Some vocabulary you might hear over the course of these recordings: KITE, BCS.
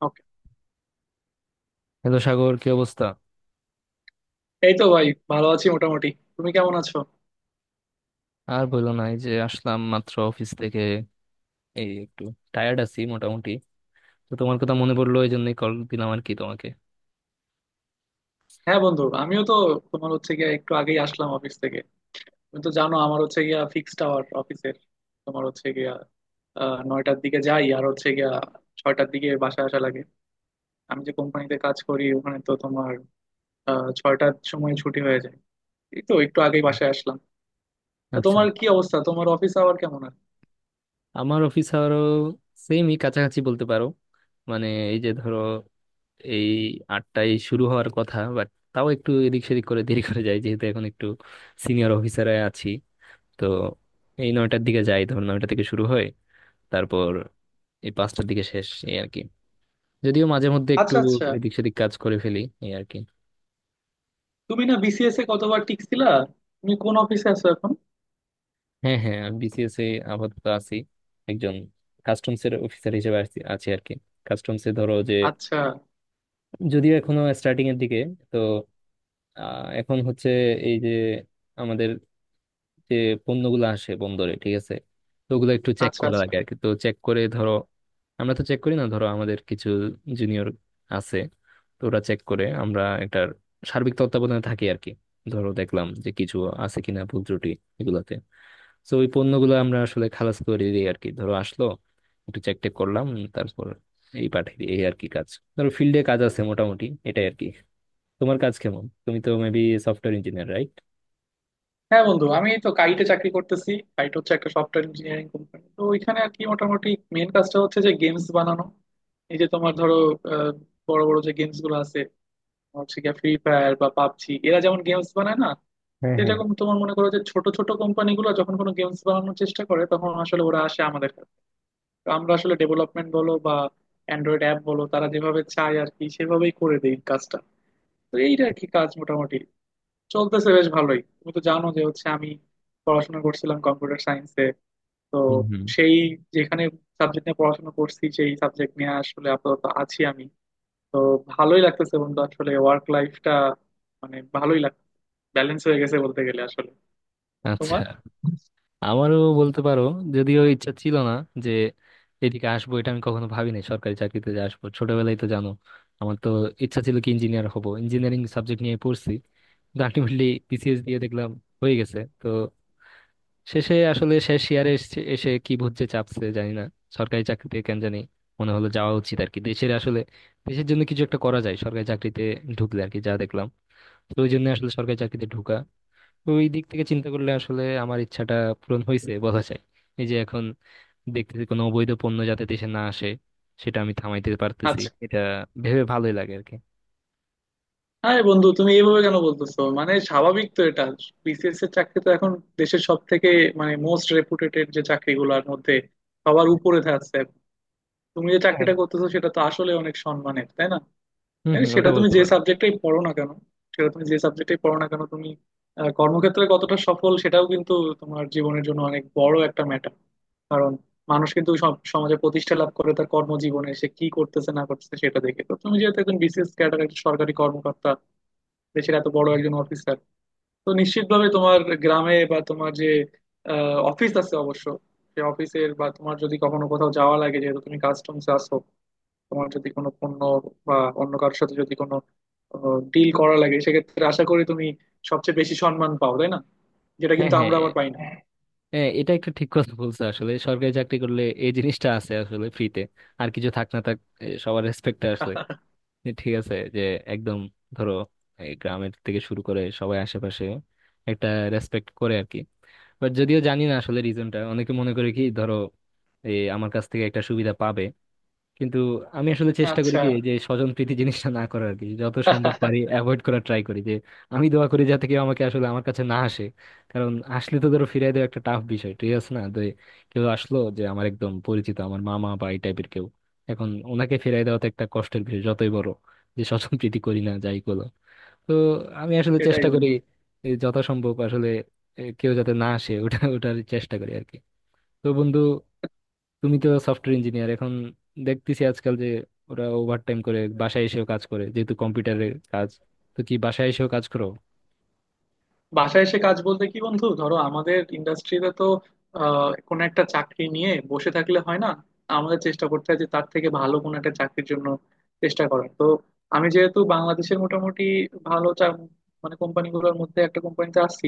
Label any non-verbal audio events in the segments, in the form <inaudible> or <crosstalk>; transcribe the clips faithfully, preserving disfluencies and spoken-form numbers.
Okay. Hello Sagar, কি অবস্থা? এই তো ভাই, ভালো আছি মোটামুটি। তুমি কেমন আছো? আর বললো না, এই যে আসলাম মাত্র অফিস থেকে। এই একটু টায়ার্ড আছি মোটামুটি। তো তোমার কথা মনে পড়লো, এই জন্যই কল দিলাম আর কি তোমাকে। হ্যাঁ বন্ধু, আমিও তো তোমার হচ্ছে গিয়া একটু আগেই আসলাম অফিস থেকে। তুমি তো জানো আমার হচ্ছে গিয়া ফিক্সড আওয়ার অফিসের। তোমার হচ্ছে গিয়া আহ, নয়টার দিকে যাই আর হচ্ছে গিয়া ছয়টার দিকে বাসায় আসা লাগে। আমি যে কোম্পানিতে কাজ করি ওখানে তো তোমার আহ, ছয়টার সময় ছুটি হয়ে যায়। এই তো একটু আগেই বাসায় আসলাম। তা আচ্ছা, তোমার কি অবস্থা, তোমার অফিস আওয়ার কেমন আর? আমার অফিস আরো সেমই কাছাকাছি বলতে পারো। মানে, এই যে ধরো, এই আটটায় শুরু হওয়ার কথা, বাট তাও একটু এদিক সেদিক করে দেরি করে যায়, যেহেতু এখন একটু সিনিয়র অফিসারে আছি। তো এই নয়টার দিকে যাই, ধরো নয়টা থেকে শুরু হয়। তারপর এই পাঁচটার দিকে শেষ, এই আর কি। যদিও মাঝে মধ্যে একটু আচ্ছা আচ্ছা। এদিক সেদিক কাজ করে ফেলি, এই আর কি। তুমি না বিসিএস এ কতবার টিকছিলা? তুমি কোন অফিসে আছো এখন? হ্যাঁ, হ্যাঁ, আমি বিসিএস এ আপাতত আছি। একজন কাস্টমস এর অফিসার হিসেবে আছি আছি আর কি। কাস্টমস এ ধরো যে, আচ্ছা যদিও এখনো স্টার্টিং এর দিকে। তো আহ, এখন হচ্ছে এই যে আমাদের যে পণ্যগুলো আসে বন্দরে, ঠিক আছে। তো ওগুলো একটু চেক আচ্ছা করা আচ্ছা। লাগে আর কি, তো চেক করে ধরো, আমরা তো চেক করি না, ধরো আমাদের কিছু জুনিয়র আছে। তো ওরা চেক করে, আমরা একটা সার্বিক তত্ত্বাবধানে থাকি আর কি। ধরো দেখলাম যে কিছু আছে কিনা ভুল ত্রুটি এগুলাতে। তো ওই পণ্যগুলো আমরা আসলে খালাস করে দিই আর কি। ধরো আসলো, একটু চেক টেক করলাম, তারপর এই পাঠিয়ে দিই, এই আর কি কাজ। ধরো ফিল্ডে কাজ আছে, মোটামুটি এটাই আর কি। তোমার কাজ কেমন? তুমি তো মেবি সফটওয়্যার ইঞ্জিনিয়ার, রাইট? হ্যাঁ বন্ধু, আমি তো কাইটে চাকরি করতেছি। কাইট হচ্ছে একটা সফটওয়্যার ইঞ্জিনিয়ারিং কোম্পানি, তো ওইখানে আর কি মোটামুটি মেন কাজটা হচ্ছে যে গেমস বানানো। এই যে তোমার ধরো আহ, বড় বড় যে গেমস গুলো আছে, হচ্ছে গিয়ে ফ্রি ফায়ার বা পাবজি, এরা যেমন গেমস বানায় না, হ্যাঁ, হ্যাঁ। সেরকম তোমার মনে করো যে ছোট ছোট কোম্পানি গুলো যখন কোনো গেমস বানানোর চেষ্টা করে, তখন আসলে ওরা আসে আমাদের কাছে। তো আমরা আসলে ডেভেলপমেন্ট বলো বা অ্যান্ড্রয়েড অ্যাপ বলো, তারা যেভাবে চায় আর কি সেভাবেই করে দেই কাজটা। তো এইটা আর কি কাজ মোটামুটি চলতেছে বেশ ভালোই। তুমি তো জানো যে হচ্ছে আমি পড়াশোনা করছিলাম কম্পিউটার সায়েন্সে। তো হুম, হুম। সেই যেখানে সাবজেক্ট নিয়ে পড়াশোনা করছি, সেই সাবজেক্ট নিয়ে আসলে আপাতত আছি আমি। তো ভালোই লাগতেছে বন্ধু, আসলে ওয়ার্ক লাইফটা মানে ভালোই লাগ, ব্যালেন্স হয়ে গেছে বলতে গেলে আসলে। আচ্ছা, তোমার আমারও বলতে পারো, যদিও ইচ্ছা ছিল না যে এদিকে আসবো। এটা আমি কখনো ভাবিনি, সরকারি চাকরিতে যে আসবো। ছোটবেলায় তো জানো, আমার তো ইচ্ছা ছিল কি, ইঞ্জিনিয়ার হব, ইঞ্জিনিয়ারিং সাবজেক্ট নিয়ে পড়ছি। কিন্তু আলটিমেটলি বিসিএস দিয়ে দেখলাম হয়ে গেছে। তো শেষে আসলে শেষ ইয়ারে এসে এসে কি ভূত যে চাপছে জানি না, সরকারি চাকরিতে কেন জানি মনে হলো যাওয়া উচিত আর কি। দেশের আসলে দেশের জন্য কিছু একটা করা যায় সরকারি চাকরিতে ঢুকলে আর কি, যা দেখলাম। তো ওই জন্য আসলে সরকারি চাকরিতে ঢুকা। তো ওই দিক থেকে চিন্তা করলে আসলে আমার ইচ্ছাটা পূরণ হয়েছে বলা যায়। এই যে এখন দেখতেছি কোনো অবৈধ পণ্য যাতে দেশে না আসে, সেটা আমি থামাইতে পারতেছি। আচ্ছা। এটা ভেবে ভালোই লাগে আর কি। হ্যাঁ বন্ধু, তুমি এইভাবে কেন বলতেছো, মানে স্বাভাবিক তো এটা। বিসিএস এর চাকরি তো এখন দেশের সব থেকে, মানে মোস্ট রেপুটেটেড যে চাকরিগুলোর মধ্যে সবার উপরে থাকছে। তুমি যে হ্যাঁ, চাকরিটা করতেছো সেটা তো আসলে অনেক সম্মানের, তাই না? হম, হ্যাঁ, হম, ওটা সেটা তুমি বলতে যে পারো। সাবজেক্টেই পড়ো না কেন, সেটা তুমি যে সাবজেক্টেই পড়ো না কেন, তুমি আহ, কর্মক্ষেত্রে কতটা সফল সেটাও কিন্তু তোমার জীবনের জন্য অনেক বড় একটা ম্যাটার। কারণ মানুষ কিন্তু সব সমাজে প্রতিষ্ঠা লাভ করে তার কর্মজীবনে সে কি করতেছে না করতেছে সেটা দেখে। তো তুমি যেহেতু একজন বিসিএস ক্যাডার, একজন সরকারি কর্মকর্তা, দেশের এত বড় একজন অফিসার, তো নিশ্চিতভাবে তোমার গ্রামে বা তোমার যে অফিস আছে অবশ্য, সে অফিসের বা তোমার যদি কখনো কোথাও যাওয়া লাগে, যেহেতু তুমি কাস্টমস আছো, তোমার যদি কোনো পণ্য বা অন্য কারোর সাথে যদি কোনো ডিল করা লাগে, সেক্ষেত্রে আশা করি তুমি সবচেয়ে বেশি সম্মান পাও, তাই না? যেটা হ্যাঁ, কিন্তু আমরা হ্যাঁ, আবার পাই না। হ্যাঁ, এটা একটা ঠিক কথা বলছো। আসলে সরকারি চাকরি করলে এই জিনিসটা আছে আসলে ফ্রিতে। আর কিছু থাক না থাক, এ, সবার রেসপেক্ট আসলে, যে ঠিক আছে, যে একদম, ধরো এই গ্রামের থেকে শুরু করে সবাই আশেপাশে একটা রেসপেক্ট করে আর কি। বাট যদিও জানি না আসলে রিজনটা, অনেকে মনে করে কি ধরো, এই আমার কাছ থেকে একটা সুবিধা পাবে। কিন্তু আমি আসলে চেষ্টা করি আচ্ছা। কি যে স্বজন প্রীতি জিনিসটা না করার আর কি, যত সম্ভব পারি অ্যাভয়েড করার ট্রাই করি, যে আমি দোয়া করি যাতে কেউ আমাকে আসলে আমার কাছে না আসে। কারণ আসলে তো ধরো ফিরাই দেওয়া একটা টাফ বিষয়, ঠিক আছে না? তো কেউ আসলো যে আমার একদম পরিচিত, আমার মামা বা এই টাইপের কেউ, এখন ওনাকে ফিরাই দেওয়া তো একটা কষ্টের বিষয়, যতই বড় যে স্বজন প্রীতি করি না যাই করো। তো আমি আসলে সেটাই চেষ্টা করি বন্ধু। যত সম্ভব আসলে, এ, কেউ যাতে না আসে, ওটা ওটার চেষ্টা করি আর কি। তো বন্ধু, তুমি তো সফটওয়্যার ইঞ্জিনিয়ার। এখন দেখতেছি আজকাল যে ওরা ওভারটাইম করে, বাসায় এসেও কাজ করে, যেহেতু কম্পিউটারের কাজ। তো কি বাসায় এসেও কাজ করো? বাসায় এসে কাজ বলতে কি বন্ধু, ধরো আমাদের ইন্ডাস্ট্রিতে তো আহ, কোনো একটা চাকরি নিয়ে বসে থাকলে হয় না। আমাদের চেষ্টা করতে হয় যে তার থেকে ভালো কোনো একটা চাকরির জন্য চেষ্টা করার। তো আমি যেহেতু বাংলাদেশের মোটামুটি ভালো চা- মানে কোম্পানিগুলোর মধ্যে একটা কোম্পানিতে আছি,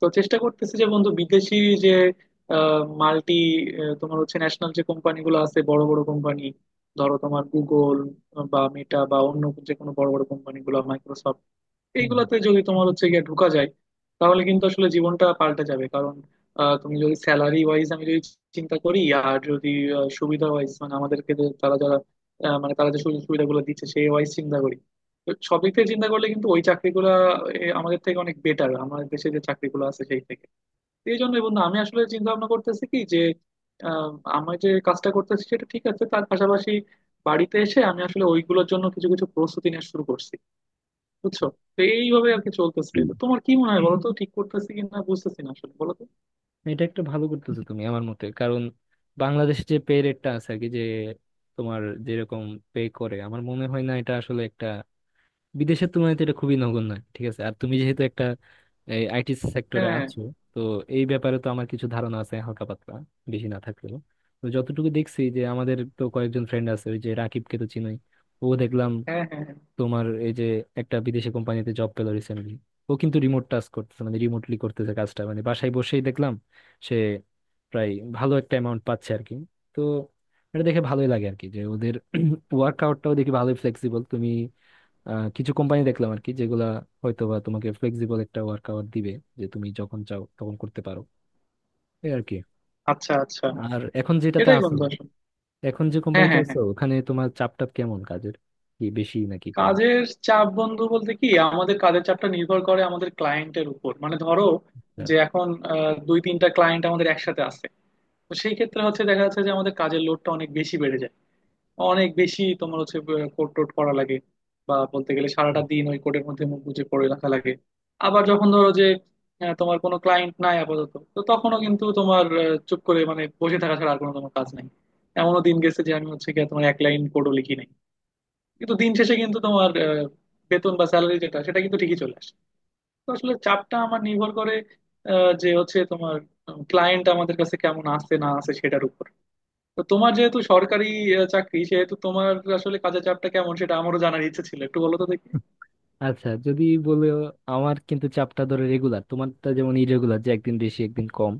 তো চেষ্টা করতেছি যে বন্ধু বিদেশি যে মাল্টি, তোমার হচ্ছে ন্যাশনাল যে কোম্পানিগুলো আছে, বড় বড় কোম্পানি, ধরো তোমার গুগল বা মেটা বা অন্য যে কোনো বড় বড় কোম্পানিগুলো, মাইক্রোসফট, হুম, এইগুলাতে যদি তোমার হচ্ছে গিয়ে ঢুকা যায়, তাহলে কিন্তু আসলে জীবনটা পাল্টে যাবে। কারণ আহ, তুমি যদি স্যালারি ওয়াইজ, আমি যদি চিন্তা করি, আর যদি আহ, সুবিধা ওয়াইজ, মানে আমাদেরকে যে তারা যারা আহ, মানে তারা যে সুযোগ সুবিধাগুলো দিচ্ছে সেই ওয়াইজ চিন্তা করি, তো সব দিক থেকে চিন্তা করলে কিন্তু ওই চাকরিগুলা এ, আমাদের থেকে অনেক বেটার, আমাদের দেশে যে চাকরিগুলো আছে সেই থেকে। তো এই জন্য বন্ধু আমি আসলে চিন্তা ভাবনা করতেছি কি যে আহ, আমি যে কাজটা করতেছি সেটা ঠিক আছে, তার পাশাপাশি বাড়িতে এসে আমি আসলে ওইগুলোর জন্য কিছু কিছু প্রস্তুতি নেওয়া শুরু করছি, বুঝছো? হুম। তো এইভাবে আর কি চলতেছে। হুম। তো তোমার কি মনে হয় বলো তো, ঠিক করতেছি কিনা বুঝতেছি না আসলে, বলো তো। এটা একটা ভালো করতেছো তুমি আমার মতে, কারণ বাংলাদেশে যে পে রেটটা আছে আর কি, যে তোমার যেরকম পে করে, আমার মনে হয় না এটা আসলে একটা, বিদেশের তুলনায় তো এটা খুবই নগণ্য, ঠিক আছে। আর তুমি যেহেতু একটা আইটি সেক্টরে হ্যাঁ আছো, তো এই ব্যাপারে তো আমার কিছু ধারণা আছে হালকা পাতলা, বেশি না থাকলেও। তো যতটুকু দেখছি, যে আমাদের তো কয়েকজন ফ্রেন্ড আছে, ওই যে রাকিবকে তো চিনোই, ও দেখলাম হ্যাঁ হ্যাঁ হ্যাঁ। তোমার এই যে একটা বিদেশি কোম্পানিতে জব পেলো রিসেন্টলি। ও কিন্তু রিমোট টাস্ক করতেছে, মানে রিমোটলি করতেছে কাজটা, মানে বাসায় বসেই দেখলাম সে প্রায় ভালো একটা অ্যামাউন্ট পাচ্ছে আর কি। তো এটা দেখে ভালোই লাগে আর কি, যে ওদের <clears throat> ওয়ার্ক আউটটাও দেখি ভালোই ফ্লেক্সিবল। তুমি আহ, কিছু কোম্পানি দেখলাম আর কি, যেগুলা হয়তো বা তোমাকে ফ্লেক্সিবল একটা ওয়ার্ক আওয়ার দিবে, যে তুমি যখন চাও তখন করতে পারো, এই আর কি। আচ্ছা আচ্ছা। আর এখন যেটাতে এটাই আছো, বন্ধু আসলে। এখন যে হ্যাঁ কোম্পানিতে হ্যাঁ আছো হ্যাঁ। ওখানে তোমার চাপ টাপ কেমন কাজের? কি বেশি নাকি কম? কাজের চাপ বন্ধু বলতে কি, আমাদের কাজের চাপটা নির্ভর করে আমাদের ক্লায়েন্টের উপর। মানে ধরো যে এখন আহ, দুই তিনটা ক্লায়েন্ট আমাদের একসাথে আছে, তো সেই ক্ষেত্রে হচ্ছে দেখা যাচ্ছে যে আমাদের কাজের লোডটা অনেক বেশি বেড়ে যায়। অনেক বেশি তোমার হচ্ছে কোট টোট করা লাগে, বা বলতে গেলে সারাটা দিন ওই কোটের মধ্যে মুখ গুজে পড়ে রাখা লাগে। আবার যখন ধরো যে আহ, তোমার কোনো ক্লায়েন্ট নাই আপাতত, তো তখনও কিন্তু তোমার আহ, চুপ করে মানে বসে থাকা ছাড়া আর কোনো তোমার কাজ নাই। এমনও দিন গেছে যে আমি হচ্ছে গিয়ে তোমার এক লাইন কোডও লিখি নাই, কিন্তু দিন শেষে কিন্তু তোমার আহ, বেতন বা স্যালারি যেটা সেটা কিন্তু ঠিকই চলে আসে। তো আসলে চাপটা আমার নির্ভর করে আহ, যে হচ্ছে তোমার ক্লায়েন্ট আমাদের কাছে কেমন আসছে না আসে সেটার উপর। তো তোমার যেহেতু সরকারি আহ, চাকরি, সেহেতু তোমার আসলে কাজের চাপটা কেমন সেটা আমারও জানার ইচ্ছে ছিল, একটু বলো তো দেখি। আচ্ছা, যদি বলে, আমার কিন্তু চাপটা ধরো রেগুলার, তোমারটা যেমন ইরেগুলার, যে একদিন বেশি একদিন কম,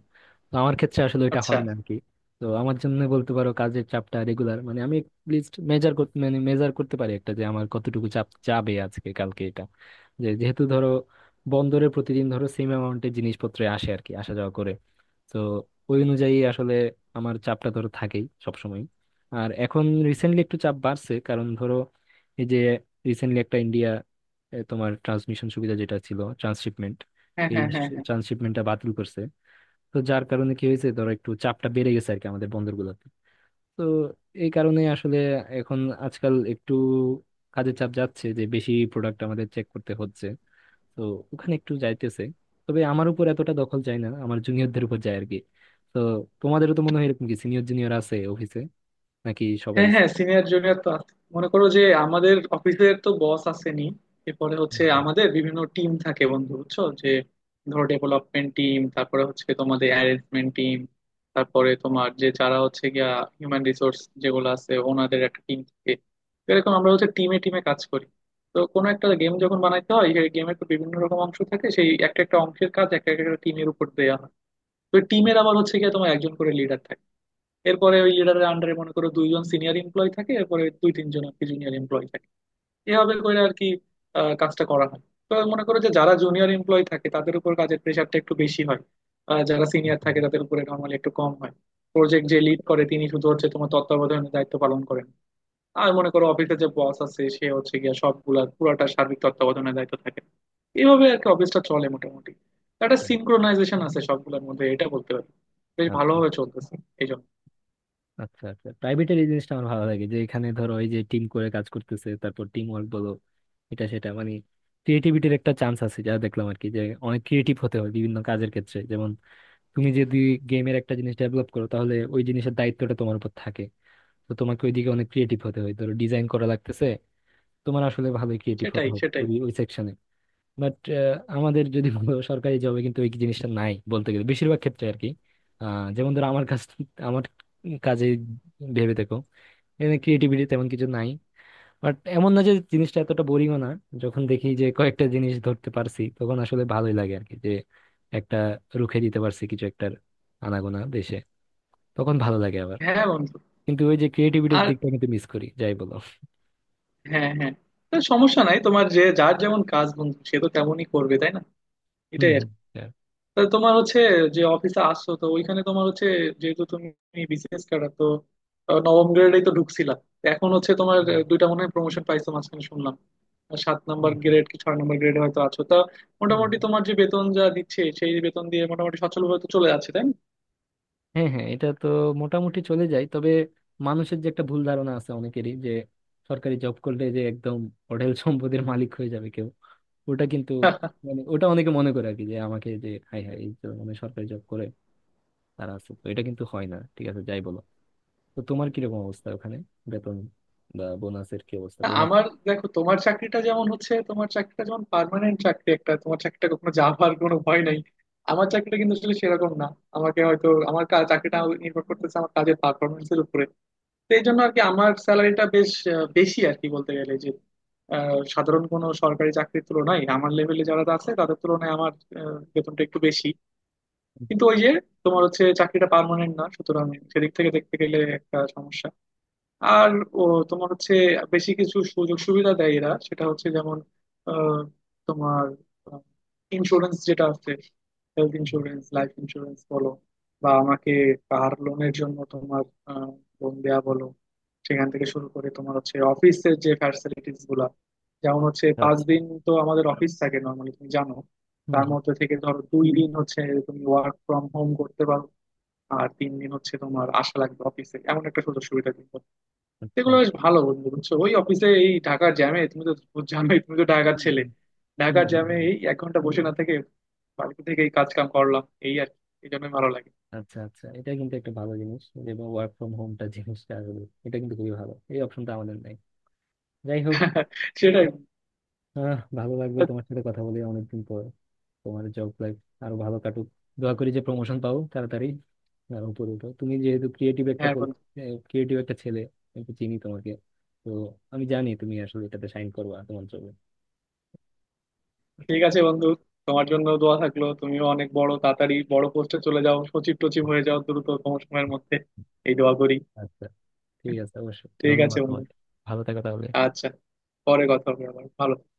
তো আমার ক্ষেত্রে আসলে এটা আচ্ছা। হয় না আর কি। তো আমার জন্য বলতে পারো কাজের চাপটা রেগুলার। মানে আমি লিস্ট মেজার করতে, মানে মেজার করতে পারি একটা, যে আমার কতটুকু চাপ যাবে আজকে কালকে এটা, যে যেহেতু ধরো বন্দরে প্রতিদিন ধরো সেম অ্যামাউন্টের জিনিসপত্র আসে আর কি, আসা যাওয়া করে। তো ওই অনুযায়ী আসলে আমার চাপটা ধরো থাকেই সবসময়। আর এখন রিসেন্টলি একটু চাপ বাড়ছে, কারণ ধরো এই যে রিসেন্টলি একটা ইন্ডিয়া, এ, তোমার ট্রান্সমিশন সুবিধা যেটা ছিল, ট্রান্সশিপমেন্ট, হ্যাঁ এই হ্যাঁ হ্যাঁ ট্রান্সশিপমেন্টটা বাতিল করছে। তো যার কারণে কি হয়েছে ধরো, একটু চাপটা বেড়ে গেছে আর কি আমাদের বন্দরগুলোতে। তো এই কারণে আসলে এখন আজকাল একটু কাজের চাপ যাচ্ছে, যে বেশি প্রোডাক্ট আমাদের চেক করতে হচ্ছে। তো ওখানে একটু যাইতেছে, তবে আমার উপর এতটা দখল যায় না, আমার জুনিয়রদের উপর যায় আর কি। তো তোমাদেরও তো মনে হয় এরকম কি, সিনিয়র জুনিয়র আছে অফিসে, নাকি সবাই? হ্যাঁ হ্যাঁ। সিনিয়র জুনিয়র তো আছে। মনে করো যে আমাদের অফিসের তো বস আসেনি, এরপরে হুম, হচ্ছে হুম, আমাদের বিভিন্ন টিম থাকে বন্ধু, বুঝছো যে ধরো ডেভেলপমেন্ট টিম, তারপরে হচ্ছে তোমাদের অ্যারেঞ্জমেন্ট টিম, তারপরে তোমার যে যারা হচ্ছে গিয়া হিউম্যান রিসোর্স যেগুলো আছে, ওনাদের একটা টিম থাকে। তো এরকম আমরা হচ্ছে টিমে টিমে কাজ করি। তো কোনো একটা গেম যখন বানাইতে হয়, সেই গেমের তো বিভিন্ন রকম অংশ থাকে, সেই একটা একটা অংশের কাজ একটা একটা টিমের উপর দেওয়া হয়। তো টিমের আবার হচ্ছে গিয়া তোমার একজন করে লিডার থাকে, এরপরে ওই লিডারের আন্ডারে মনে করো দুইজন সিনিয়র এমপ্লয় থাকে, এরপরে দুই তিনজন আর কি জুনিয়র এমপ্লয় থাকে। এভাবে করে আর কি আহ, কাজটা করা হয়। তো মনে করো যে যারা জুনিয়র এমপ্লয় থাকে তাদের উপর কাজের প্রেশারটা একটু বেশি হয়, আহ, যারা সিনিয়র থাকে তাদের উপরে নর্মালি একটু কম হয়। প্রজেক্ট যে লিড করে তিনি শুধু হচ্ছে তোমার তত্ত্বাবধানের দায়িত্ব পালন করেন। আর মনে করো অফিসে যে বস আছে সে হচ্ছে গিয়া সবগুলা পুরাটা সার্বিক তত্ত্বাবধানের দায়িত্ব থাকে। এভাবে আর কি অফিসটা চলে মোটামুটি। একটা হুম। সিনক্রোনাইজেশন আছে সবগুলোর মধ্যে, এটা বলতে পারি। বেশ আচ্ছা, ভালোভাবে চলতেছে এই জন্য। আচ্ছা, আচ্ছা। প্রাইভেটের এই জিনিসটা আমার ভালো লাগে, যে এখানে ধরো ওই যে টিম করে কাজ করতেছে, তারপর টিম ওয়ার্ক বলো এটা সেটা, মানে ক্রিয়েটিভিটির একটা চান্স আছে যা দেখলাম আর কি, যে অনেক ক্রিয়েটিভ হতে হয় বিভিন্ন কাজের ক্ষেত্রে। যেমন তুমি যদি গেমের একটা জিনিস ডেভেলপ করো, তাহলে ওই জিনিসের দায়িত্বটা তোমার উপর থাকে। তো তোমাকে ওইদিকে অনেক ক্রিয়েটিভ হতে হয়। ধরো ডিজাইন করা লাগতেছে, তোমার আসলে ভালোই ক্রিয়েটিভ হতে সেটাই হবে সেটাই। ওই ওই সেকশনে। বাট আমাদের যদি <laughs> বলো, সরকারি জবে কিন্তু ওই জিনিসটা নাই বলতে গেলে বেশিরভাগ ক্ষেত্রে আর কি। আহ, যেমন ধরো আমার কাজ, আমার কাজে ভেবে দেখো, এখানে ক্রিয়েটিভিটি তেমন কিছু নাই। বাট এমন না যে জিনিসটা এতটা বোরিংও না। যখন দেখি যে কয়েকটা জিনিস ধরতে পারছি, তখন আসলে ভালোই লাগে আর কি, যে একটা রুখে দিতে পারছি কিছু একটা আনাগোনা দেশে, তখন ভালো লাগে আবার। হ্যাঁ বন্ধু। কিন্তু ওই যে ক্রিয়েটিভিটির আর দিকটা কিন্তু মিস করি, যাই বলো। হ্যাঁ হ্যাঁ। তা সমস্যা নাই, তোমার যে যার যেমন কাজ বন্ধু সে তো তেমনই করবে, তাই না? এটাই আর হম, কি। তা তোমার হচ্ছে যে অফিসে আসছো, তো ওইখানে তোমার হচ্ছে, যেহেতু তুমি বিসিএস ক্যাডার, তো আহ, নবম গ্রেডেই তো ঢুকছিলা। তো এখন হচ্ছে তোমার আহ, দুইটা মনে হয় প্রমোশন পাইছো মাঝখানে শুনলাম। আর সাত নাম্বার গ্রেড কি ছয় নাম্বার গ্রেডে হয়তো আছো। তা হম, মোটামুটি <laughs> তোমার যে বেতন যা দিচ্ছে সেই বেতন দিয়ে মোটামুটি সচ্ছল ভাবে তো চলে যাচ্ছে, তাই হ্যাঁ, হ্যাঁ, এটা তো মোটামুটি চলে যায়। তবে মানুষের যে একটা ভুল ধারণা আছে অনেকেরই, যে সরকারি জব করলে যে একদম হোটেল <laughs> সম্পদের মালিক হয়ে যাবে কেউ, ওটা কিন্তু, না মানে ওটা অনেকে মনে করে আর কি, যে আমাকে যে হাই হাই এই তো, মানে সরকারি জব করে তারা আছে তো, এটা কিন্তু হয় না, ঠিক আছে যাই বলো। তো তোমার কিরকম অবস্থা ওখানে? বেতন বা বোনাসের কি অবস্থা? না বোনাস? আমার দেখো, তোমার চাকরিটা যেমন হচ্ছে, তোমার চাকরিটা যেমন পার্মানেন্ট চাকরি একটা, তোমার চাকরিটা কখনো যাওয়ার কোনো ভয় নাই, আমার চাকরিটা কিন্তু আসলে সেরকম না। আমাকে হয়তো আমার কা- চাকরিটা নির্ভর করতেছে আমার কাজের পারফরমেন্স এর উপরে। তো এই জন্য আর কি আমার স্যালারিটা বেশ আহ, বেশি আর কি, বলতে গেলে যে আহ, সাধারণ কোনো সরকারি চাকরির তুলনায়, আমার লেভেলে যারা আছে তাদের তুলনায় আমার আহ, বেতনটা একটু বেশি। কিন্তু ওই যে তোমার হচ্ছে চাকরিটা পার্মানেন্ট না, সুতরাং সেদিক থেকে দেখতে গেলে একটা সমস্যা। আর ও, তোমার হচ্ছে বেশি কিছু সুযোগ সুবিধা দেয় এরা, সেটা হচ্ছে যেমন আহ, তোমার ইন্স্যুরেন্স যেটা আছে, হেলথ ইন্স্যুরেন্স লাইফ ইন্স্যুরেন্স বলো, বা আমাকে কার লোনের জন্য তোমার লোন দেয়া বলো, সেখান থেকে শুরু করে তোমার হচ্ছে অফিসের যে ফ্যাসিলিটিস গুলা, যেমন হচ্ছে পাঁচ আচ্ছা। দিন তো আমাদের অফিস থাকে নর্মালি, তুমি জানো। হুম, তার হুম। মধ্যে থেকে ধরো দুই দিন হচ্ছে তুমি ওয়ার্ক ফ্রম হোম করতে পারো, আর তিন দিন হচ্ছে তোমার আসা লাগবে অফিসে, এমন একটা সুযোগ সুবিধা দিন। আচ্ছা। সেগুলো বেশ ভালো বন্ধু, বুঝছো? ওই অফিসে এই ঢাকার জ্যামে তুমি তো জানোই, তুমি তো ঢাকার হুম, ছেলে। হুম, হুম, ঢাকার হুম, জ্যামে হুম। এই এক ঘন্টা বসে না থেকে বাড়িতে থেকে এই কাজ কাম করলাম, এই আর কি। এই জন্যই ভালো লাগে। আচ্ছা, আচ্ছা, এটা কিন্তু একটা ভালো জিনিস, যে ওয়ার্ক ফ্রম হোমটা জিনিসটা আসলে এটা কিন্তু খুবই ভালো, এই অপশনটা আমাদের নাই, যাই হোক। <laughs> সেটাই। আহ, ভালো লাগবে তোমার সাথে কথা বলে অনেকদিন পর। তোমার জব লাইফ আরো ভালো কাটুক, দোয়া করি যে প্রমোশন পাও তাড়াতাড়ি, আর উপরে উঠো। তুমি যেহেতু ক্রিয়েটিভ একটা হ্যাঁ বন্ধু। ক্রিয়েটিভ একটা ছেলে, আমি তো চিনি তোমাকে। তো আমি জানি তুমি আসলে এটাতে সাইন করবা তোমার জন্য। ঠিক আছে বন্ধু, তোমার জন্য দোয়া থাকলো, তুমিও অনেক বড়, তাড়াতাড়ি বড় পোস্টে চলে যাও, সচিব টচিব হয়ে যাও দ্রুত কম সময়ের মধ্যে, এই দোয়া করি। আচ্ছা। ঠিক <laughs> আছে, অবশ্যই ঠিক আছে ধন্যবাদ বন্ধু। তোমাকে। ভালো থাকো তাহলে। আচ্ছা, পরে কথা হবে আবার, ভালো থেকো।